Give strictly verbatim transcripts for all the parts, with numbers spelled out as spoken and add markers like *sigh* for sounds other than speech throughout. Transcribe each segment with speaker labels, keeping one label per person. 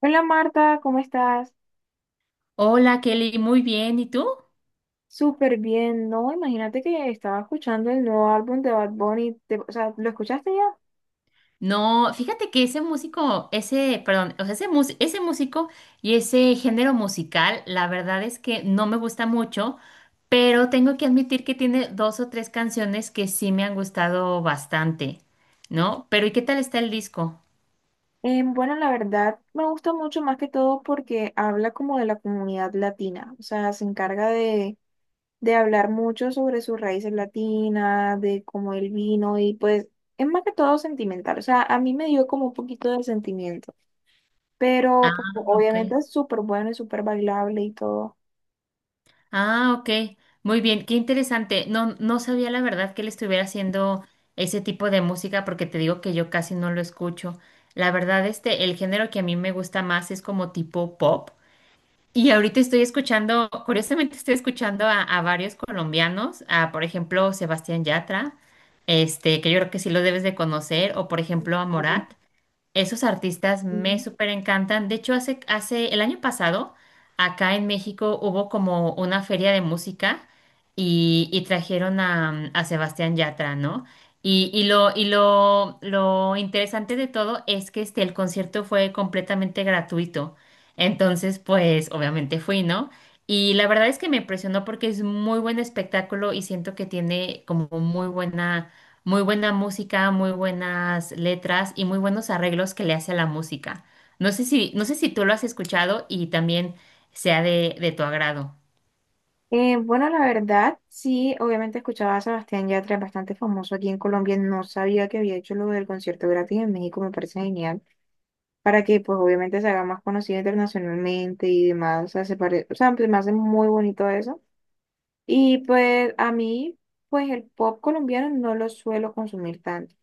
Speaker 1: Hola Marta, ¿cómo estás?
Speaker 2: Hola Kelly, muy bien. ¿Y tú?
Speaker 1: Súper bien, ¿no? Imagínate que estaba escuchando el nuevo álbum de Bad Bunny, te- o sea, ¿lo escuchaste ya?
Speaker 2: No, fíjate que ese músico, ese, perdón, o sea, ese, mus- ese músico y ese género musical, la verdad es que no me gusta mucho, pero tengo que admitir que tiene dos o tres canciones que sí me han gustado bastante, ¿no? Pero ¿y qué tal está el disco?
Speaker 1: Eh, bueno, la verdad me gusta mucho más que todo porque habla como de la comunidad latina, o sea, se encarga de, de hablar mucho sobre sus raíces latinas, de cómo él vino y pues es más que todo sentimental, o sea, a mí me dio como un poquito de sentimiento,
Speaker 2: Ah,
Speaker 1: pero pues,
Speaker 2: ok.
Speaker 1: obviamente es súper bueno y súper bailable y todo.
Speaker 2: Ah, ok. Muy bien, qué interesante. No, no sabía la verdad que él estuviera haciendo ese tipo de música porque te digo que yo casi no lo escucho. La verdad, este, el género que a mí me gusta más es como tipo pop. Y ahorita estoy escuchando, curiosamente estoy escuchando a, a varios colombianos, a por ejemplo Sebastián Yatra, este, que yo creo que sí lo debes de conocer, o por ejemplo a Morat. Esos artistas me
Speaker 1: Ujú.
Speaker 2: súper encantan. De hecho, hace, hace el año pasado, acá en México hubo como una feria de música y, y trajeron a, a Sebastián Yatra, ¿no? Y, y lo, y lo, lo interesante de todo es que este, el concierto fue completamente gratuito. Entonces, pues, obviamente fui, ¿no? Y la verdad es que me impresionó porque es muy buen espectáculo y siento que tiene como muy buena muy buena música, muy buenas letras y muy buenos arreglos que le hace a la música. No sé si, no sé si tú lo has escuchado y también sea de, de tu agrado.
Speaker 1: Eh, bueno, la verdad, sí, obviamente escuchaba a Sebastián Yatra, es bastante famoso aquí en Colombia, no sabía que había hecho lo del concierto gratis en México, me parece genial, para que pues obviamente se haga más conocido internacionalmente y demás, o sea, se pare- o sea, pues, me hace muy bonito eso. Y pues a mí, pues el pop colombiano no lo suelo consumir tanto.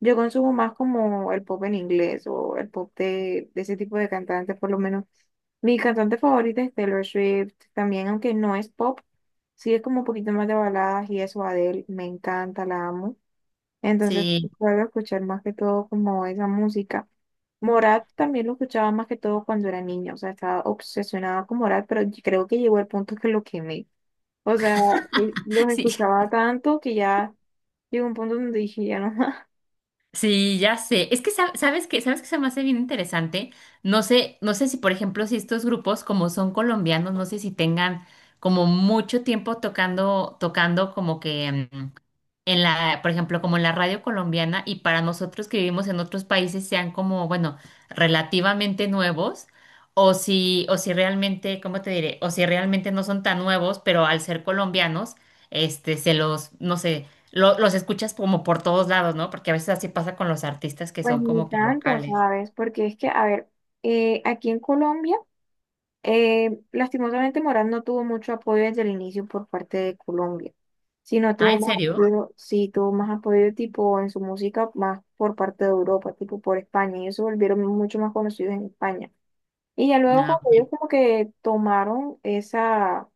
Speaker 1: Yo consumo más como el pop en inglés o el pop de, de ese tipo de cantantes, por lo menos. Mi cantante favorita es Taylor Swift, también, aunque no es pop, sí es como un poquito más de baladas y eso, Adele, me encanta, la amo. Entonces,
Speaker 2: Sí,
Speaker 1: suelo escuchar más que todo como esa música. Morat también lo escuchaba más que todo cuando era niña, o sea, estaba obsesionada con Morat, pero yo creo que llegó el punto que lo quemé. O sea,
Speaker 2: *laughs*
Speaker 1: eh, los
Speaker 2: sí,
Speaker 1: escuchaba tanto que ya llegó un punto donde dije, ya no más. *laughs*
Speaker 2: sí, ya sé. Es que sab- sabes que, sabes que se me hace bien interesante. No sé, no sé si, por ejemplo, si estos grupos, como son colombianos, no sé si tengan como mucho tiempo tocando, tocando como que mm, en la, por ejemplo, como en la radio colombiana y para nosotros que vivimos en otros países sean como, bueno, relativamente nuevos o si, o si realmente, ¿cómo te diré? O si realmente no son tan nuevos, pero al ser colombianos, este, se los, no sé, lo- los escuchas como por todos lados, ¿no? Porque a veces así pasa con los artistas que
Speaker 1: Pues
Speaker 2: son
Speaker 1: ni
Speaker 2: como que
Speaker 1: tanto,
Speaker 2: locales.
Speaker 1: ¿sabes? Porque es que, a ver, eh, aquí en Colombia. Eh, lastimosamente Morán no tuvo mucho apoyo desde el inicio por parte de Colombia, sino
Speaker 2: Ah, ¿en
Speaker 1: tuvo más
Speaker 2: serio?
Speaker 1: apoyo, sí, tuvo más apoyo tipo en su música más por parte de Europa, tipo por España. Ellos se volvieron mucho más conocidos en España. Y ya luego
Speaker 2: No.
Speaker 1: cuando ellos como que tomaron esa,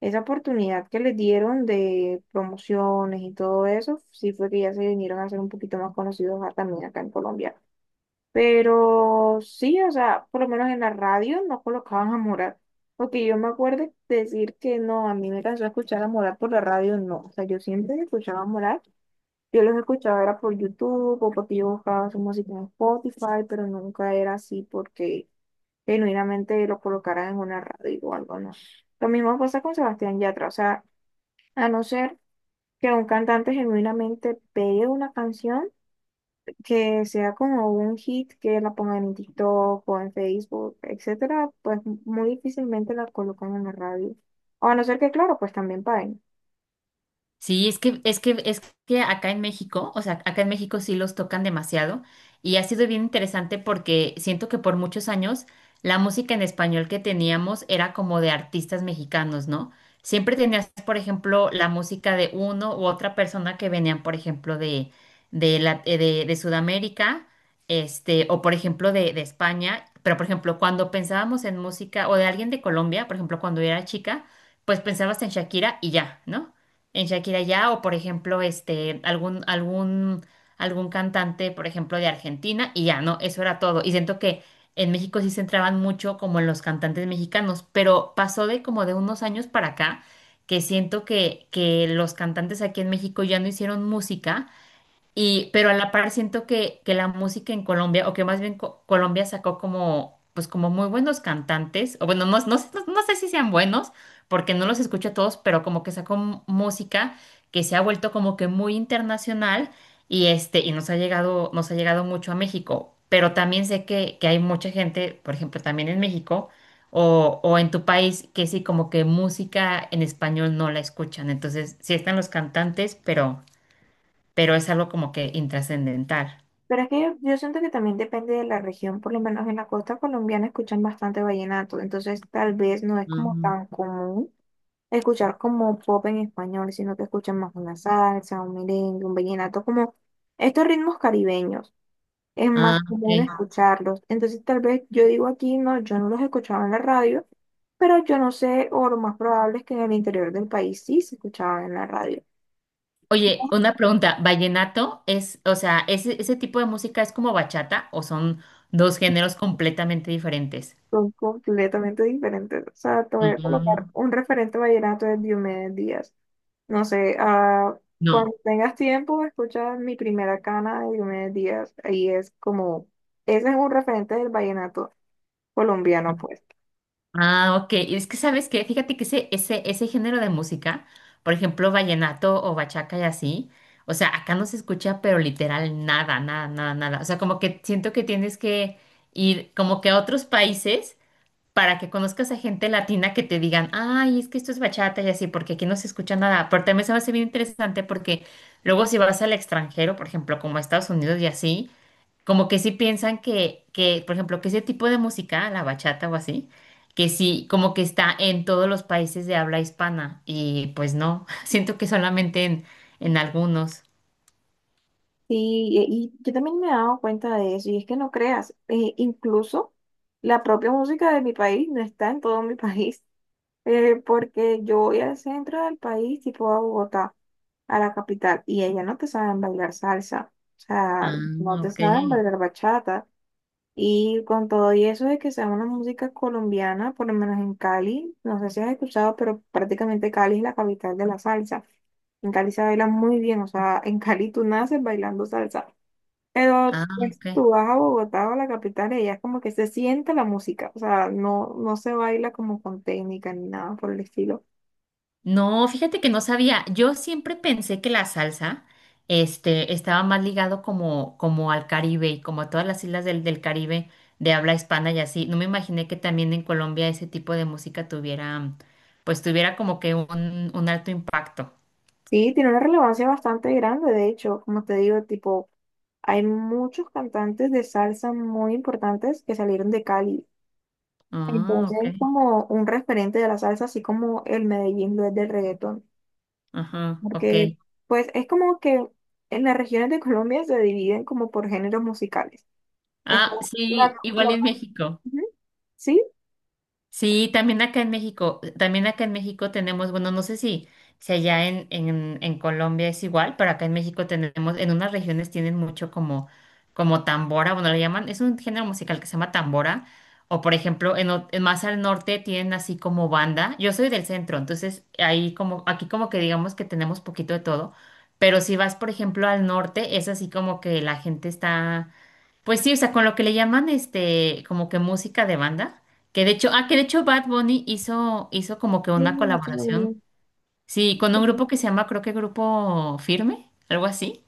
Speaker 1: esa oportunidad que les dieron de promociones y todo eso, sí fue que ya se vinieron a ser un poquito más conocidos a- también acá en Colombia. Pero sí, o sea, por lo menos en la radio no colocaban a Morat. Porque yo me acuerdo decir que no, a mí me cansó escuchar a Morat por la radio, no. O sea, yo siempre escuchaba a Morat. Yo los escuchaba era por YouTube o porque yo buscaba su música en Spotify, pero nunca era así porque genuinamente lo colocaran en una radio o algo, no. Lo mismo pasa con Sebastián Yatra. O sea, a no ser que un cantante genuinamente pegue una canción que sea como un hit que la pongan en TikTok o en Facebook, etcétera, pues muy difícilmente la colocan en la radio. O a no ser que, claro, pues también paguen.
Speaker 2: Sí, es que, es que, es que acá en México, o sea, acá en México sí los tocan demasiado y ha sido bien interesante porque siento que por muchos años la música en español que teníamos era como de artistas mexicanos, ¿no? Siempre tenías, por ejemplo, la música de uno u otra persona que venían, por ejemplo, de, de, la- eh, de, de Sudamérica, este, o por ejemplo de, de España, pero por ejemplo, cuando pensábamos en música o de alguien de Colombia, por ejemplo, cuando era chica, pues pensabas en Shakira y ya, ¿no? En Shakira ya, o por ejemplo, este, algún, algún, algún cantante, por ejemplo, de Argentina, y ya, no, eso era todo. Y siento que en México sí se centraban mucho como en los cantantes mexicanos, pero pasó de como de unos años para acá, que siento que, que los cantantes aquí en México ya no hicieron música y, pero a la par siento que, que la música en Colombia, o que más bien Co- Colombia sacó como, pues como muy buenos cantantes, o bueno, no, no, sé- no, no sé si sean buenos, porque no los escucho a todos, pero como que sacó m- música que se ha vuelto como que muy internacional y este, y nos ha llegado, nos ha llegado mucho a México. Pero también sé que, que hay mucha gente, por ejemplo, también en México o, o en tu país, que sí, como que música en español no la escuchan. Entonces, sí están los cantantes, pero pero es algo como que intrascendental.
Speaker 1: Pero es que yo, yo siento que también depende de la región, por lo menos en la costa colombiana escuchan bastante vallenato, entonces tal vez no es como
Speaker 2: Ujú.
Speaker 1: tan común escuchar como pop en español, sino que escuchan más una salsa, un merengue, un vallenato, como estos ritmos caribeños. Es
Speaker 2: Ah,
Speaker 1: más común
Speaker 2: ok.
Speaker 1: escucharlos. Entonces, tal vez yo digo aquí, no, yo no los escuchaba en la radio, pero yo no sé, o lo más probable es que en el interior del país sí se escuchaban en la radio.
Speaker 2: Oye, una pregunta, ¿vallenato es, o sea, ese, ese tipo de música es como bachata o son dos géneros completamente diferentes?
Speaker 1: Son completamente diferentes. O sea, te voy a colocar
Speaker 2: Ujú.
Speaker 1: un referente vallenato de Diomedes Díaz. No sé, ah,
Speaker 2: No.
Speaker 1: cuando tengas tiempo, escucha mi primera cana de Diomedes Díaz. Ahí es como, ese es un referente del vallenato colombiano, pues.
Speaker 2: Ah, ok. Y es que sabes que, fíjate que ese, ese, ese género de música, por ejemplo, vallenato o bachaca y así, o sea, acá no se escucha, pero literal nada, nada, nada, nada. O sea, como que siento que tienes que ir como que a otros países para que conozcas a gente latina que te digan, ay, es que esto es bachata y así, porque aquí no se escucha nada. Pero también se me hace bien interesante porque luego si vas al extranjero, por ejemplo, como a Estados Unidos y así, como que sí piensan que, que, por ejemplo, que ese tipo de música, la bachata o así, que sí, como que está en todos los países de habla hispana. Y pues no, *laughs* siento que solamente en, en algunos.
Speaker 1: Sí, y, y yo también me he dado cuenta de eso, y es que no creas, eh, incluso la propia música de mi país no está en todo mi país, *laughs* eh, porque yo voy al centro del país, tipo a Bogotá, a la capital, y ellas no te saben bailar salsa, o
Speaker 2: Ah,
Speaker 1: sea, no te
Speaker 2: ok.
Speaker 1: saben bailar bachata, y con todo y eso de que sea una música colombiana, por lo menos en Cali, no sé si has escuchado, pero prácticamente Cali es la capital de la salsa. En Cali se baila muy bien, o sea, en Cali tú naces bailando salsa. Pero
Speaker 2: Ah,
Speaker 1: pues,
Speaker 2: ok.
Speaker 1: tú vas a Bogotá o a la capital y allá es como que se siente la música, o sea, no, no se baila como con técnica ni nada por el estilo.
Speaker 2: No, fíjate que no sabía. Yo siempre pensé que la salsa, este, estaba más ligado como, como al Caribe y como a todas las islas del, del Caribe de habla hispana y así. No me imaginé que también en Colombia ese tipo de música tuviera, pues tuviera como que un, un alto impacto.
Speaker 1: Sí, tiene una relevancia bastante grande, de hecho, como te digo, tipo, hay muchos cantantes de salsa muy importantes que salieron de Cali.
Speaker 2: Ah,
Speaker 1: Entonces
Speaker 2: ok.
Speaker 1: es como un referente de la salsa, así como el Medellín lo es del reggaetón,
Speaker 2: Ajá, ok.
Speaker 1: porque pues es como que en las regiones de Colombia se dividen como por géneros musicales. Está
Speaker 2: Ah,
Speaker 1: la-
Speaker 2: sí, igual
Speaker 1: la-
Speaker 2: en México.
Speaker 1: ujú. Sí,
Speaker 2: Sí, también acá en México, también acá en México tenemos, bueno, no sé si, si allá en, en, en Colombia es igual, pero acá en México tenemos, en unas regiones tienen mucho como, como tambora, bueno, le llaman, es un género musical que se llama tambora, o por ejemplo, en, o- en más al norte tienen así como banda, yo soy del centro, entonces ahí como, aquí como que digamos que tenemos poquito de todo, pero si vas, por ejemplo, al norte, es así como que la gente está pues sí, o sea, con lo que le llaman este, como que música de banda, que de hecho, ah, que de hecho Bad Bunny hizo, hizo como que
Speaker 1: sí,
Speaker 2: una
Speaker 1: aquí no.
Speaker 2: colaboración, sí, con un grupo que se llama, creo que Grupo Firme, algo así.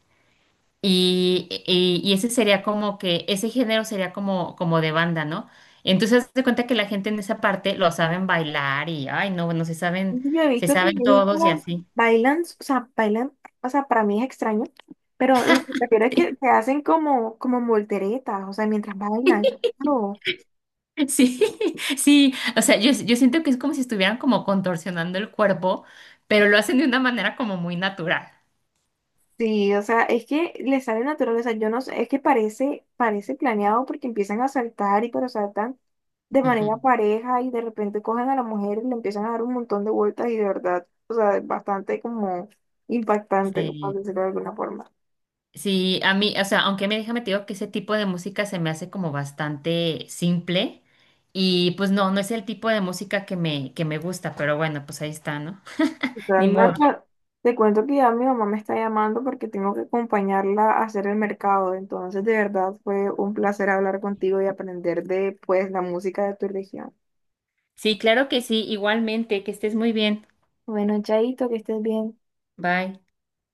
Speaker 2: Y, y, y ese sería como que, ese género sería como, como de banda, ¿no? Entonces, haz de cuenta que la gente en esa parte lo saben bailar y, ay, no, bueno, se saben,
Speaker 1: Yo he
Speaker 2: se
Speaker 1: visto que
Speaker 2: saben todos y
Speaker 1: viejitas
Speaker 2: así.
Speaker 1: bailan, o sea, bailan, o sea, para mí es extraño, pero lo que prefiero es que, se
Speaker 2: *laughs*
Speaker 1: hacen como, como volteretas, o sea, mientras
Speaker 2: Sí.
Speaker 1: bailan. Claro.
Speaker 2: Sí, *laughs* sí, o sea, yo, yo siento que es como si estuvieran como contorsionando el cuerpo, pero lo hacen de una manera como muy natural.
Speaker 1: Sí, o sea, es que les sale natural, o sea, yo no sé, es que parece, parece planeado porque empiezan a saltar y pero saltan de
Speaker 2: Ujú.
Speaker 1: manera pareja y de repente cogen a la mujer y le empiezan a dar un montón de vueltas y de verdad, o sea, es bastante como impactante, por
Speaker 2: Sí,
Speaker 1: decirlo de alguna forma.
Speaker 2: sí, a mí, o sea, aunque me déjame te digo que ese tipo de música se me hace como bastante simple y pues no, no es el tipo de música que me, que me gusta, pero bueno, pues ahí está, ¿no? *laughs*
Speaker 1: Al
Speaker 2: Ni modo.
Speaker 1: mercado te cuento que ya mi mamá me está llamando porque tengo que acompañarla a hacer el mercado. Entonces, de verdad, fue un placer hablar contigo y aprender de, pues, la música de tu región.
Speaker 2: Sí, claro que sí, igualmente, que estés muy bien.
Speaker 1: Bueno, Chaito, que estés bien.
Speaker 2: Bye.